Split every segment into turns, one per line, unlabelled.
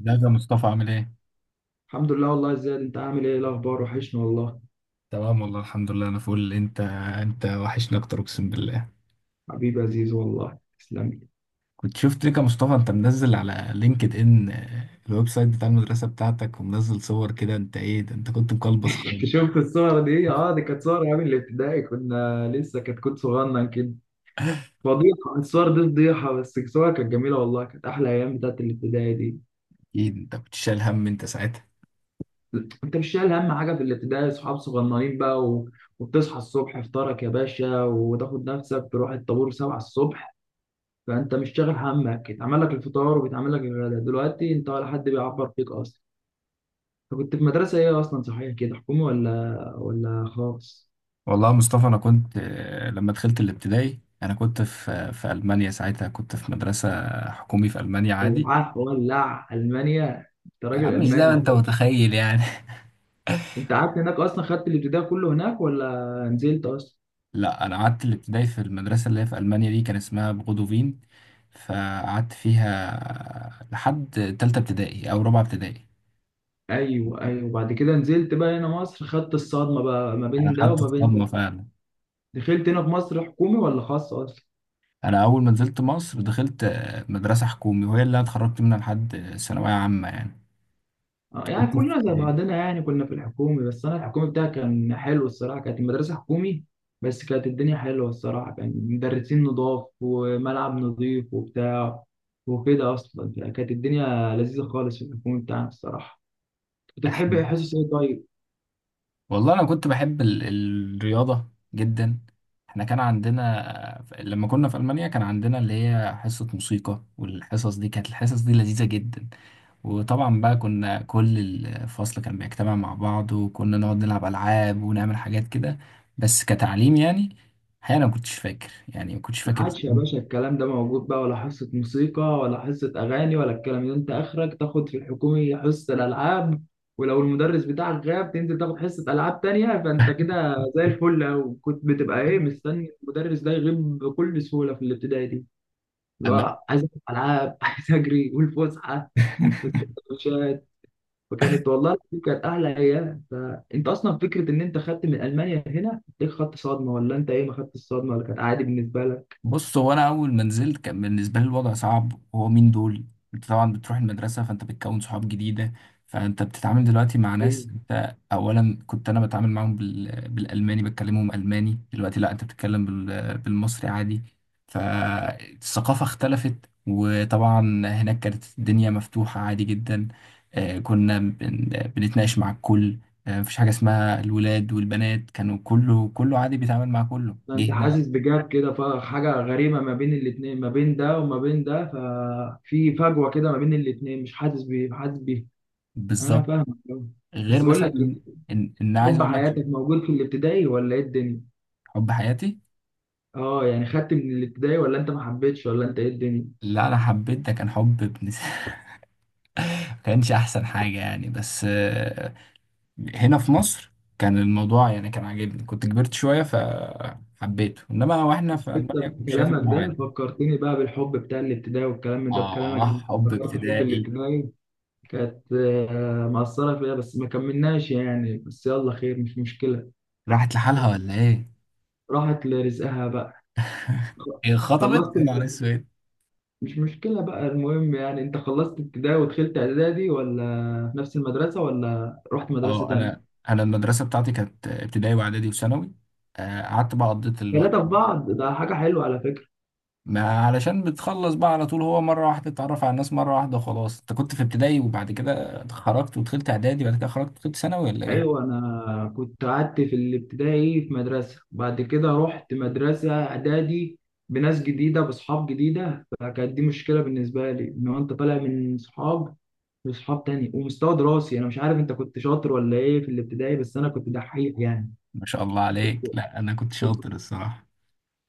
ازيك يا مصطفى عامل ايه؟
الحمد لله والله يا زياد، انت عامل ايه؟ الاخبار وحشني والله.
تمام والله الحمد لله انا فول. انت؟ انت وحشني اكتر اقسم بالله.
حبيبي يا عزيز، والله تسلم لي.
كنت شفت ليك يا مصطفى، انت منزل على لينكد ان الويب سايت بتاع المدرسة بتاعتك، ومنزل صور كده. انت ايه ده؟ انت كنت مقلبص خالص.
انت شفت الصور دي؟ اه دي كانت صور ايام الابتدائي، كنا لسه كتكوت صغنن كده. فضيحه الصور دي فضيحه، بس الصور كانت جميله والله، كانت احلى ايام بتاعت الابتدائي دي.
اكيد انت كنت شايل هم انت ساعتها.
انت مش شايل هم حاجه في الابتدائي، صحاب صغننين بقى وبتصحى الصبح افطارك يا باشا وتاخد نفسك تروح الطابور 7 الصبح، فانت مش شاغل همك، اتعمل لك الفطار وبيتعمل لك الغداء، دلوقتي انت ولا حد بيعبر فيك اصلا. كنت في مدرسة ايه اصلا صحيح كده، حكومي ولا خاص؟
والله يا مصطفى انا كنت، لما دخلت الابتدائي انا كنت في المانيا ساعتها، كنت في مدرسة حكومي في المانيا عادي.
ومعاك ولع المانيا، انت
يا
راجل
عم مش زي ما
الماني يا
انت
باشا.
متخيل يعني.
انت قعدت هناك اصلا، خدت الابتدائي كله هناك ولا نزلت اصلا؟
لا، انا قعدت الابتدائي في المدرسه اللي هي في المانيا دي، كان اسمها بغودوفين، فقعدت فيها لحد تالتة ابتدائي او رابعه ابتدائي.
ايوه ايوه، وبعد كده نزلت بقى هنا مصر، خدت الصدمة بقى ما
انا
بين ده
خدت
وما بين
الصدمه
ده.
فعلا.
دخلت هنا في مصر حكومي ولا خاص اصلا؟
انا اول ما نزلت مصر دخلت مدرسه حكومي، وهي اللي انا اتخرجت منها لحد ثانويه عامه يعني.
يعني
كنت في
كلنا زي
ابتدائي.
بعضنا يعني، كنا في الحكومي، بس انا الحكومي بتاعي كان حلو الصراحه، كانت المدرسه حكومي بس كانت الدنيا حلوه الصراحه، كان مدرسين نضاف وملعب نضيف وبتاع وكده، اصلا كانت الدنيا لذيذه خالص في الحكومي بتاعنا الصراحه. كنت بتحب حصص ايه طيب؟
والله انا كنت بحب الرياضه جدا. احنا كان عندنا لما كنا في المانيا، كان عندنا اللي هي حصه موسيقى، والحصص دي كانت الحصص دي لذيذه جدا. وطبعا بقى كنا كل الفصل كان بيجتمع مع بعض، وكنا نقعد نلعب العاب ونعمل حاجات كده، بس كتعليم يعني. الحقيقه انا ما كنتش فاكر يعني ما كنتش
ما
فاكر
عادش يا باشا الكلام ده موجود بقى، ولا حصة موسيقى ولا حصة أغاني ولا الكلام ده، أنت آخرك تاخد في الحكومي حصة الألعاب، ولو المدرس بتاعك غاب تنزل تاخد حصة ألعاب تانية، فأنت كده زي الفل أوي، كنت بتبقى إيه مستني المدرس ده يغيب بكل سهولة في الابتدائي دي.
أما-
لا عايز ألعب ألعاب، عايز أجري والفسحة والسندوتشات، وكانت والله العظيم كانت أحلى أيام. فأنت أصلا فكرة إن أنت خدت من ألمانيا هنا إيه، خدت صدمة ولا أنت إيه ما خدتش صدمة ولا كانت عادي بالنسبة لك؟
بص، هو انا اول ما نزلت كان بالنسبه لي الوضع صعب. هو مين دول؟ انت طبعا بتروح المدرسه، فانت بتكون صحاب جديده، فانت بتتعامل دلوقتي مع
أيوه.
ناس. انت اولا كنت انا بتعامل معاهم بالالماني، بتكلمهم الماني. دلوقتي لا، انت بتتكلم بالمصري عادي. فالثقافه اختلفت. وطبعا هناك كانت الدنيا مفتوحه عادي جدا. آه، كنا بن... بنتناقش مع الكل. مفيش حاجه اسمها الولاد والبنات، كانوا كله كله عادي بيتعامل مع كله. جه
فانت
هنا
حاسس
لا.
بجاب كده، فحاجه غريبه ما بين الاتنين، ما بين ده وما بين ده، ففي فجوه كده ما بين الاتنين، مش حاسس بيه حاسس بيه؟ انا
بالظبط.
فاهمك أوي.
غير
بس بقول
مثلا
لك ايه،
ان عايز
حب
اقول لك
حياتك موجود في الابتدائي ولا ايه الدنيا؟
حب حياتي.
اه يعني، خدت من الابتدائي ولا انت ما حبيتش ولا انت ايه الدنيا؟
لا انا حبيت، ده كان حب ما كانش احسن حاجه يعني. بس، هنا في مصر كان الموضوع يعني كان عاجبني، كنت كبرت شويه فحبيته. انما واحنا
انت
في المانيا كنت شايف
بكلامك
انه
ده
عادي.
فكرتني بقى بالحب بتاع الابتدائي، والكلام ده
اه
بكلامك ده
حب
افتكرت حب
ابتدائي.
الابتدائي. كانت مأثرة فيها، بس ما كملناش يعني، بس يلا خير مش مشكلة.
راحت لحالها ولا ايه؟
راحت لرزقها بقى.
هي خطبت
خلصت
يا نهار
ال-
اسود.
مش مشكلة بقى، المهم يعني انت خلصت ابتدائي ودخلت اعدادي، ولا في نفس المدرسة، ولا رحت مدرسة
اه، انا
تانية؟
انا المدرسه بتاعتي كانت ابتدائي واعدادي وثانوي. قعدت بقى قضيت الوقت.
ثلاثة في بعض، ده حاجة حلوة على فكرة.
ما علشان بتخلص بقى على طول. هو مرة واحدة تتعرف على الناس مرة واحدة وخلاص. انت كنت في ابتدائي وبعد كده خرجت ودخلت اعدادي وبعد كده خرجت ودخلت ثانوي ولا ايه؟
ايوه، انا كنت قعدت في الابتدائي في مدرسة، بعد كده رحت مدرسة اعدادي بناس جديدة، باصحاب جديدة، فكانت دي مشكلة بالنسبة لي، ان هو انت طالع من صحاب لصحاب تاني، ومستوى دراسي انا مش عارف انت كنت شاطر ولا ايه في الابتدائي، بس انا كنت دحيح يعني.
ما شاء الله
كنت
عليك. لا انا كنت شاطر الصراحة.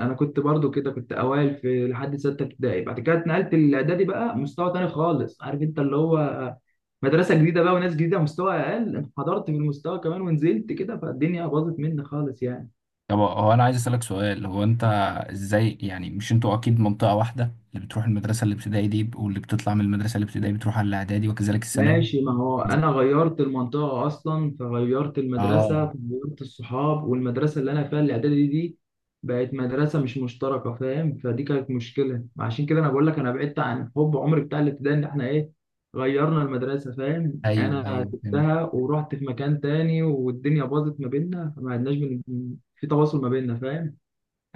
انا كنت برضو كده، كنت اوائل في لحد سته ابتدائي، بعد كده اتنقلت الاعدادي بقى، مستوى تاني خالص، عارف انت اللي هو مدرسه جديده بقى وناس جديده، مستوى اقل، انحدرت في المستوى كمان، ونزلت كده فالدنيا باظت مني خالص يعني.
طب هو انا عايز اسألك سؤال، هو انت ازاي يعني؟ مش انتوا اكيد منطقة واحدة، اللي بتروح المدرسة الابتدائي دي واللي بتطلع من المدرسة الابتدائي بتروح على الاعدادي وكذلك الثانوي.
ماشي، ما هو انا غيرت المنطقه اصلا، فغيرت المدرسه،
اه.
فغيرت الصحاب، والمدرسه اللي انا فيها الاعدادي دي بقت مدرسه مش مشتركه، فاهم؟ فدي كانت مشكله، عشان كده انا بقول لك انا بعدت عن حب عمري بتاع الابتدائي، ان احنا ايه غيرنا المدرسه، فاهم؟
ايوه،
انا
ايوه فهمت.
سبتها ورحت في مكان تاني، والدنيا باظت ما بيننا، فما عدناش في تواصل ما بيننا، فاهم؟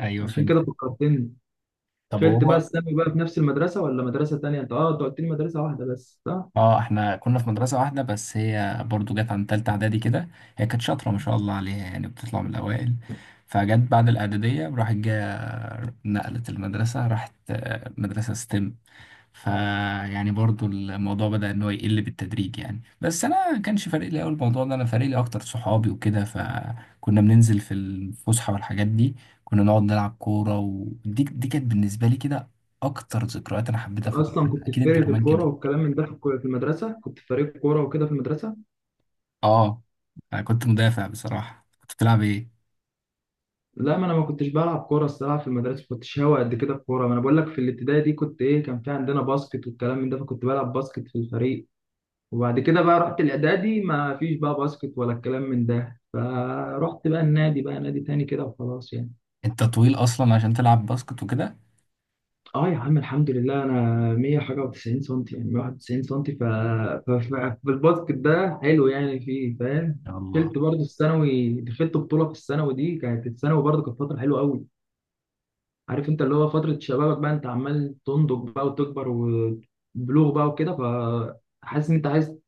ايوه
عشان
فهمت.
كده فكرتني.
طب
دخلت بقى
هو،
الثانوي بقى في نفس المدرسه ولا مدرسه تانيه؟ انت اه انت قلت لي مدرسه واحده بس، صح؟
اه احنا كنا في مدرسة واحدة، بس هي برضو جت عن تالتة اعدادي كده. هي كانت شاطرة ما شاء الله عليها، يعني بتطلع من الاوائل. فجت بعد الاعدادية، راحت جا نقلت المدرسة، راحت مدرسة ستيم. فيعني برضو الموضوع بدأ ان هو يقل بالتدريج يعني. بس انا كانش فارق لي أوي الموضوع ده، انا فارق لي اكتر صحابي وكده. فكنا بننزل في الفسحة والحاجات دي، كنا نقعد نلعب كورة. ودي كانت بالنسبة لي كده اكتر ذكريات انا حبيتها
يعني
في
اصلا
المدرسة.
كنت في
اكيد انت
فرقه
كمان
الكوره
كده.
والكلام من ده، في في المدرسه كنت في فريق كوره وكده في المدرسه.
اه انا كنت مدافع بصراحة. كنت بتلعب ايه؟
لا، ما انا ما كنتش بلعب كوره الصراحه في المدرسه، ما كنتش هاوي قد كده الكوره، ما انا بقول لك في الابتدائي دي كنت ايه، كان في عندنا باسكت والكلام من ده، فكنت بلعب باسكت في الفريق. وبعد كده بقى رحت الاعدادي، ما فيش بقى باسكت ولا الكلام من ده، فرحت بقى النادي بقى، نادي تاني كده وخلاص يعني.
انت طويل اصلا عشان تلعب باسكت وكده.
اه يا عم الحمد لله، انا 100 حاجه و90 سنتي، يعني 91 سنتي، ف... ف... ف... فالباسكت ده حلو يعني فيه، فاهم؟
يا الله.
دخلت برضه الثانوي، دخلت بطوله في الثانوي دي، كانت الثانوي برضه كانت فتره حلوه قوي، عارف انت اللي هو فتره شبابك بقى، انت عمال تنضج بقى وتكبر وبلوغ بقى وكده، فحاسس ان انت عايز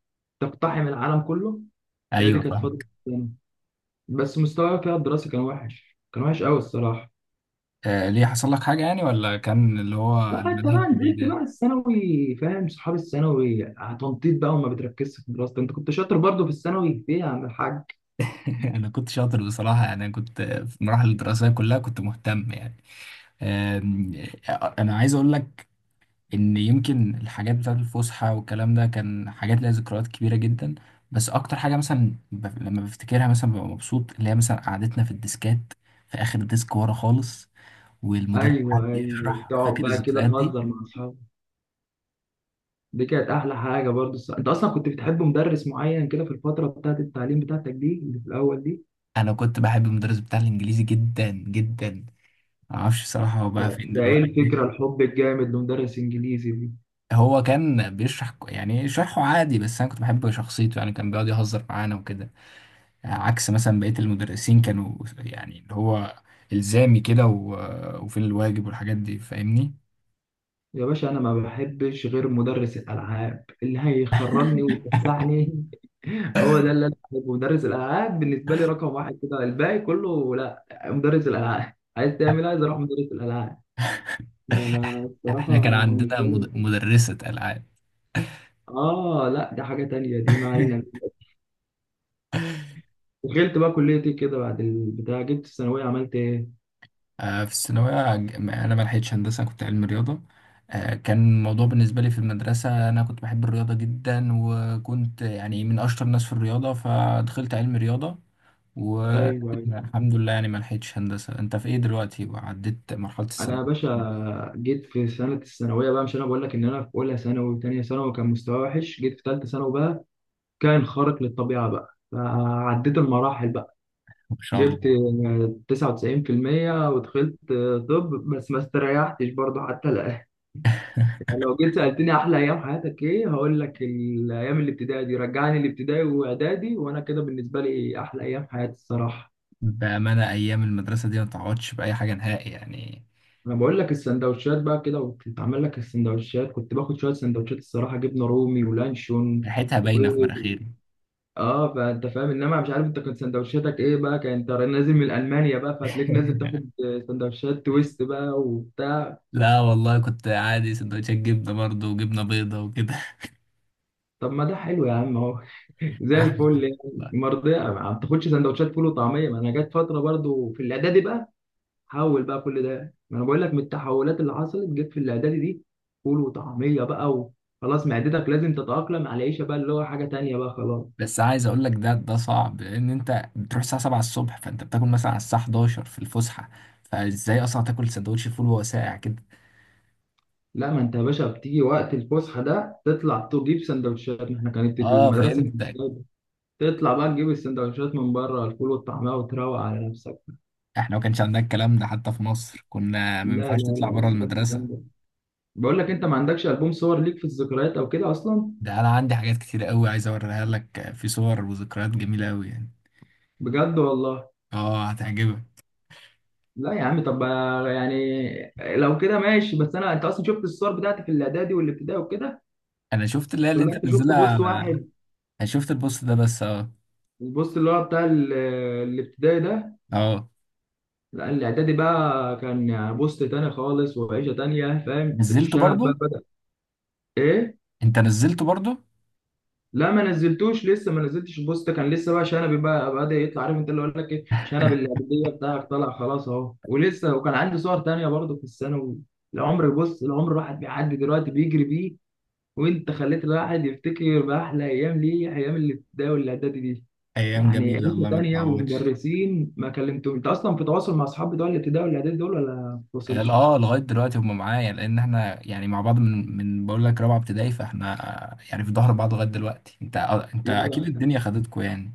تقتحم العالم كله. هي دي
ايوه
كانت فتره
فاهمك.
الثانوي، بس مستواي فيها الدراسي كان وحش، كان وحش قوي الصراحه.
آه ليه، حصل لك حاجة يعني ولا كان اللي هو
لا انت
المناهج
بقى نزلت
الجديدة؟
بقى الثانوي، فاهم؟ صحاب الثانوي، تنطيط بقى، وما بتركزش في دراستك. انت كنت شاطر برضه في الثانوي ايه يا عم الحاج؟
انا كنت شاطر بصراحة. يعني انا كنت في المراحل الدراسية كلها كنت مهتم يعني. آم، انا عايز اقول لك ان يمكن الحاجات بتاعت الفسحة والكلام ده كان حاجات ليها ذكريات كبيرة جدا. بس اكتر حاجة مثلا لما بفتكرها مثلا ببقى مبسوط، اللي هي مثلا قعدتنا في الديسكات في اخر ديسك ورا خالص، والمدرس قعد
ايوه ايوه،
يشرح.
تقعد
فاكر
بقى كده
الذكريات دي؟
تهزر مع اصحابك، دي كانت احلى حاجه برضه الس- انت اصلا كنت بتحب مدرس معين كده في الفتره بتاعت التعليم بتاعتك دي، اللي في الاول دي؟
انا كنت بحب المدرس بتاع الانجليزي جدا جدا. ما اعرفش بصراحه هو
ده
بقى فين
ده ايه
دلوقتي.
الفكره الحب الجامد لمدرس انجليزي دي؟
هو كان بيشرح، يعني شرحه عادي، بس انا كنت بحب شخصيته يعني، كان بيقعد يهزر معانا وكده. عكس مثلا بقيه المدرسين كانوا يعني اللي هو الزامي كده، و- وفين الواجب والحاجات دي فاهمني؟
يا باشا انا ما بحبش غير مدرس الالعاب، اللي هيخرجني ويفسحني، هو ده اللي انا عايزه. مدرس الالعاب بالنسبه لي رقم واحد كده، الباقي كله لا، مدرس الالعاب. عايز تعمل إيه؟ عايز اروح مدرس الالعاب. أنا
احنا كان
الصراحه
عندنا
بالنسبه لي
مدرسة العاب.
اه لا، دي حاجه تانية دي، ما علينا. دخلت بقى كليه ايه كده بعد البتاع، جبت الثانويه عملت ايه؟
في الثانوية أنا ما لحقتش هندسة، كنت علم رياضة. كان الموضوع بالنسبة لي في المدرسة، أنا كنت بحب الرياضة جدا، وكنت يعني من أشطر الناس في الرياضة فدخلت علم رياضة،
ايوه، أيوة.
والحمد لله يعني ما لحقتش هندسة. أنت في إيه دلوقتي وعديت مرحلة
انا يا
الثانوية؟
باشا جيت في سنه الثانويه بقى، مش انا بقول لك ان انا في اولى ثانوي وثانيه ثانوي كان مستواي وحش، جيت في ثالثه ثانوي بقى كان خارق للطبيعه بقى، فعديت المراحل.
ما شاء
جبت
الله.
99% ودخلت. طب، بس ما استريحتش برضه حتى الآن. لو جيت سألتني أحلى أيام حياتك إيه، هقول لك الأيام الابتدائي دي، رجعني الابتدائي وإعدادي، وأنا كده بالنسبة لي أحلى أيام حياتي الصراحة.
بأمانة أيام المدرسة دي ما تعوضش بأي حاجة نهائي يعني.
أنا بقول لك السندوتشات بقى كده، وبتتعمل لك السندوتشات، كنت باخد شوية سندوتشات الصراحة، جبنة رومي ولانشون
ريحتها باينة في
وبيض.
مناخيري.
اه فانت فاهم، انما مش عارف انت كنت سندوتشاتك ايه بقى، كان انت نازل من المانيا بقى، فهتلاقيك نازل تاخد سندوتشات تويست بقى وبتاع.
لا والله كنت عادي سندوتشات جبنة برضه وجبنة بيضة وكده.
طب ما ده حلو يا عم اهو، زي
أحلى
الفل
حاجة.
يعني، مرضية ما بتاخدش سندوتشات فول وطعمية، ما انا جت فترة برضو في الاعدادي بقى، حول بقى كل ده، ما انا بقول لك من التحولات اللي حصلت جت في الاعدادي دي. فول وطعمية بقى، وخلاص معدتك لازم تتأقلم على العيشة بقى، اللي هو حاجة تانية بقى خلاص.
بس عايز اقول لك، ده صعب، لان انت بتروح الساعه 7 الصبح، فانت بتاكل مثلا على الساعه 11 في الفسحه، فازاي اصلا تاكل سندوتش فول وهو ساقع كده؟
لا ما انت يا باشا بتيجي وقت الفسحة ده تطلع تجيب سندوتشات، ما احنا كانت
اه
المدرسة كانت
فهمتك.
قريبة. تطلع بقى تجيب السندوتشات من بره، الفول والطعمية وتروق على نفسك.
احنا ما كانش عندنا الكلام ده، حتى في مصر كنا ما
لا
ينفعش
لا
تطلع
لا،
بره
سيبك من الكلام
المدرسه.
ده. بقول لك انت ما عندكش البوم صور ليك في الذكريات او كده اصلا؟
ده انا عندي حاجات كتير قوي عايز اوريها لك في صور وذكريات جميله قوي يعني.
بجد والله؟
اه هتعجبك.
لا يا عم، طب يعني لو كده ماشي، بس انا انت اصلا شفت الصور بتاعتي في الاعدادي والابتدائي وكده،
انا شفت اللي هي اللي
ولا
انت
انت شفت
نزلها.
بوست واحد؟
انا شفت البوست ده بس اه.
البوست اللي هو بتاع الابتدائي ده؟
اه
لا الاعدادي بقى كان بوست تاني خالص، وعيشه تانيه، فاهم؟
نزلته
الشنب بقى
برضو.
بدأ. ايه
انت نزلته برضو.
لا، ما نزلتوش لسه، ما نزلتش البوست كان لسه بقى، شنبي بقى بدأ يطلع، عارف انت اللي اقول لك ايه، شنب اللعبيه بتاعك طلع خلاص اهو، ولسه وكان عندي صور تانية برضه في الثانوي. العمر بص، العمر الواحد بيعدي دلوقتي بيجري بيه، وانت خليت الواحد يفتكر بأحلى ايام ليه، ايام الابتدائي والاعدادي دي.
ايام
يعني
جميله
عيشة
والله ما
تانية
تعوضش.
ومدرسين، ما كلمتهم، انت اصلا في تواصل مع اصحاب بتوع الابتدائي والاعدادي دول ولا ما بتوصلش؟
لغايه دلوقتي هم معايا، لان احنا يعني مع بعض من بقول لك رابعه ابتدائي، فاحنا يعني في ظهر بعض لغايه دلوقتي. انت
يا
اكيد
بختك،
الدنيا خدتكوا يعني.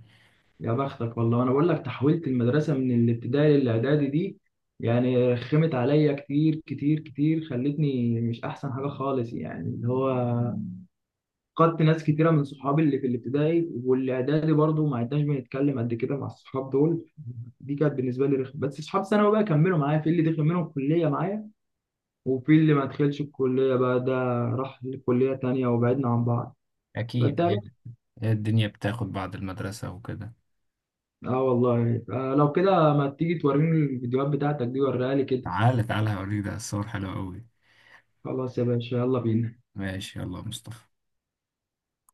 يا بختك والله. انا بقول لك تحويلة المدرسة من الابتدائي للاعدادي دي، يعني خمت عليا كتير كتير كتير، خلتني مش احسن حاجة خالص يعني، اللي هو فقدت ناس كتيرة من صحابي اللي في الابتدائي والاعدادي، برضو ما عدناش بنتكلم قد كده مع الصحاب دول، دي كانت بالنسبة لي رخمة. بس صحاب ثانوي بقى كملوا معايا، في اللي دخل منهم الكلية معايا، وفي اللي ما دخلش الكلية بقى ده راح لكلية تانية وبعدنا عن بعض. فانت
اكيد يعني. هي الدنيا بتاخد بعد المدرسه وكده.
اه والله، آه لو كده ما تيجي توريني الفيديوهات بتاعتك دي، وريها لي كده.
تعالى تعالى هوريك، ده الصور حلوه قوي.
خلاص يا باشا، يلا بينا.
ماشي، يلا يا مصطفى.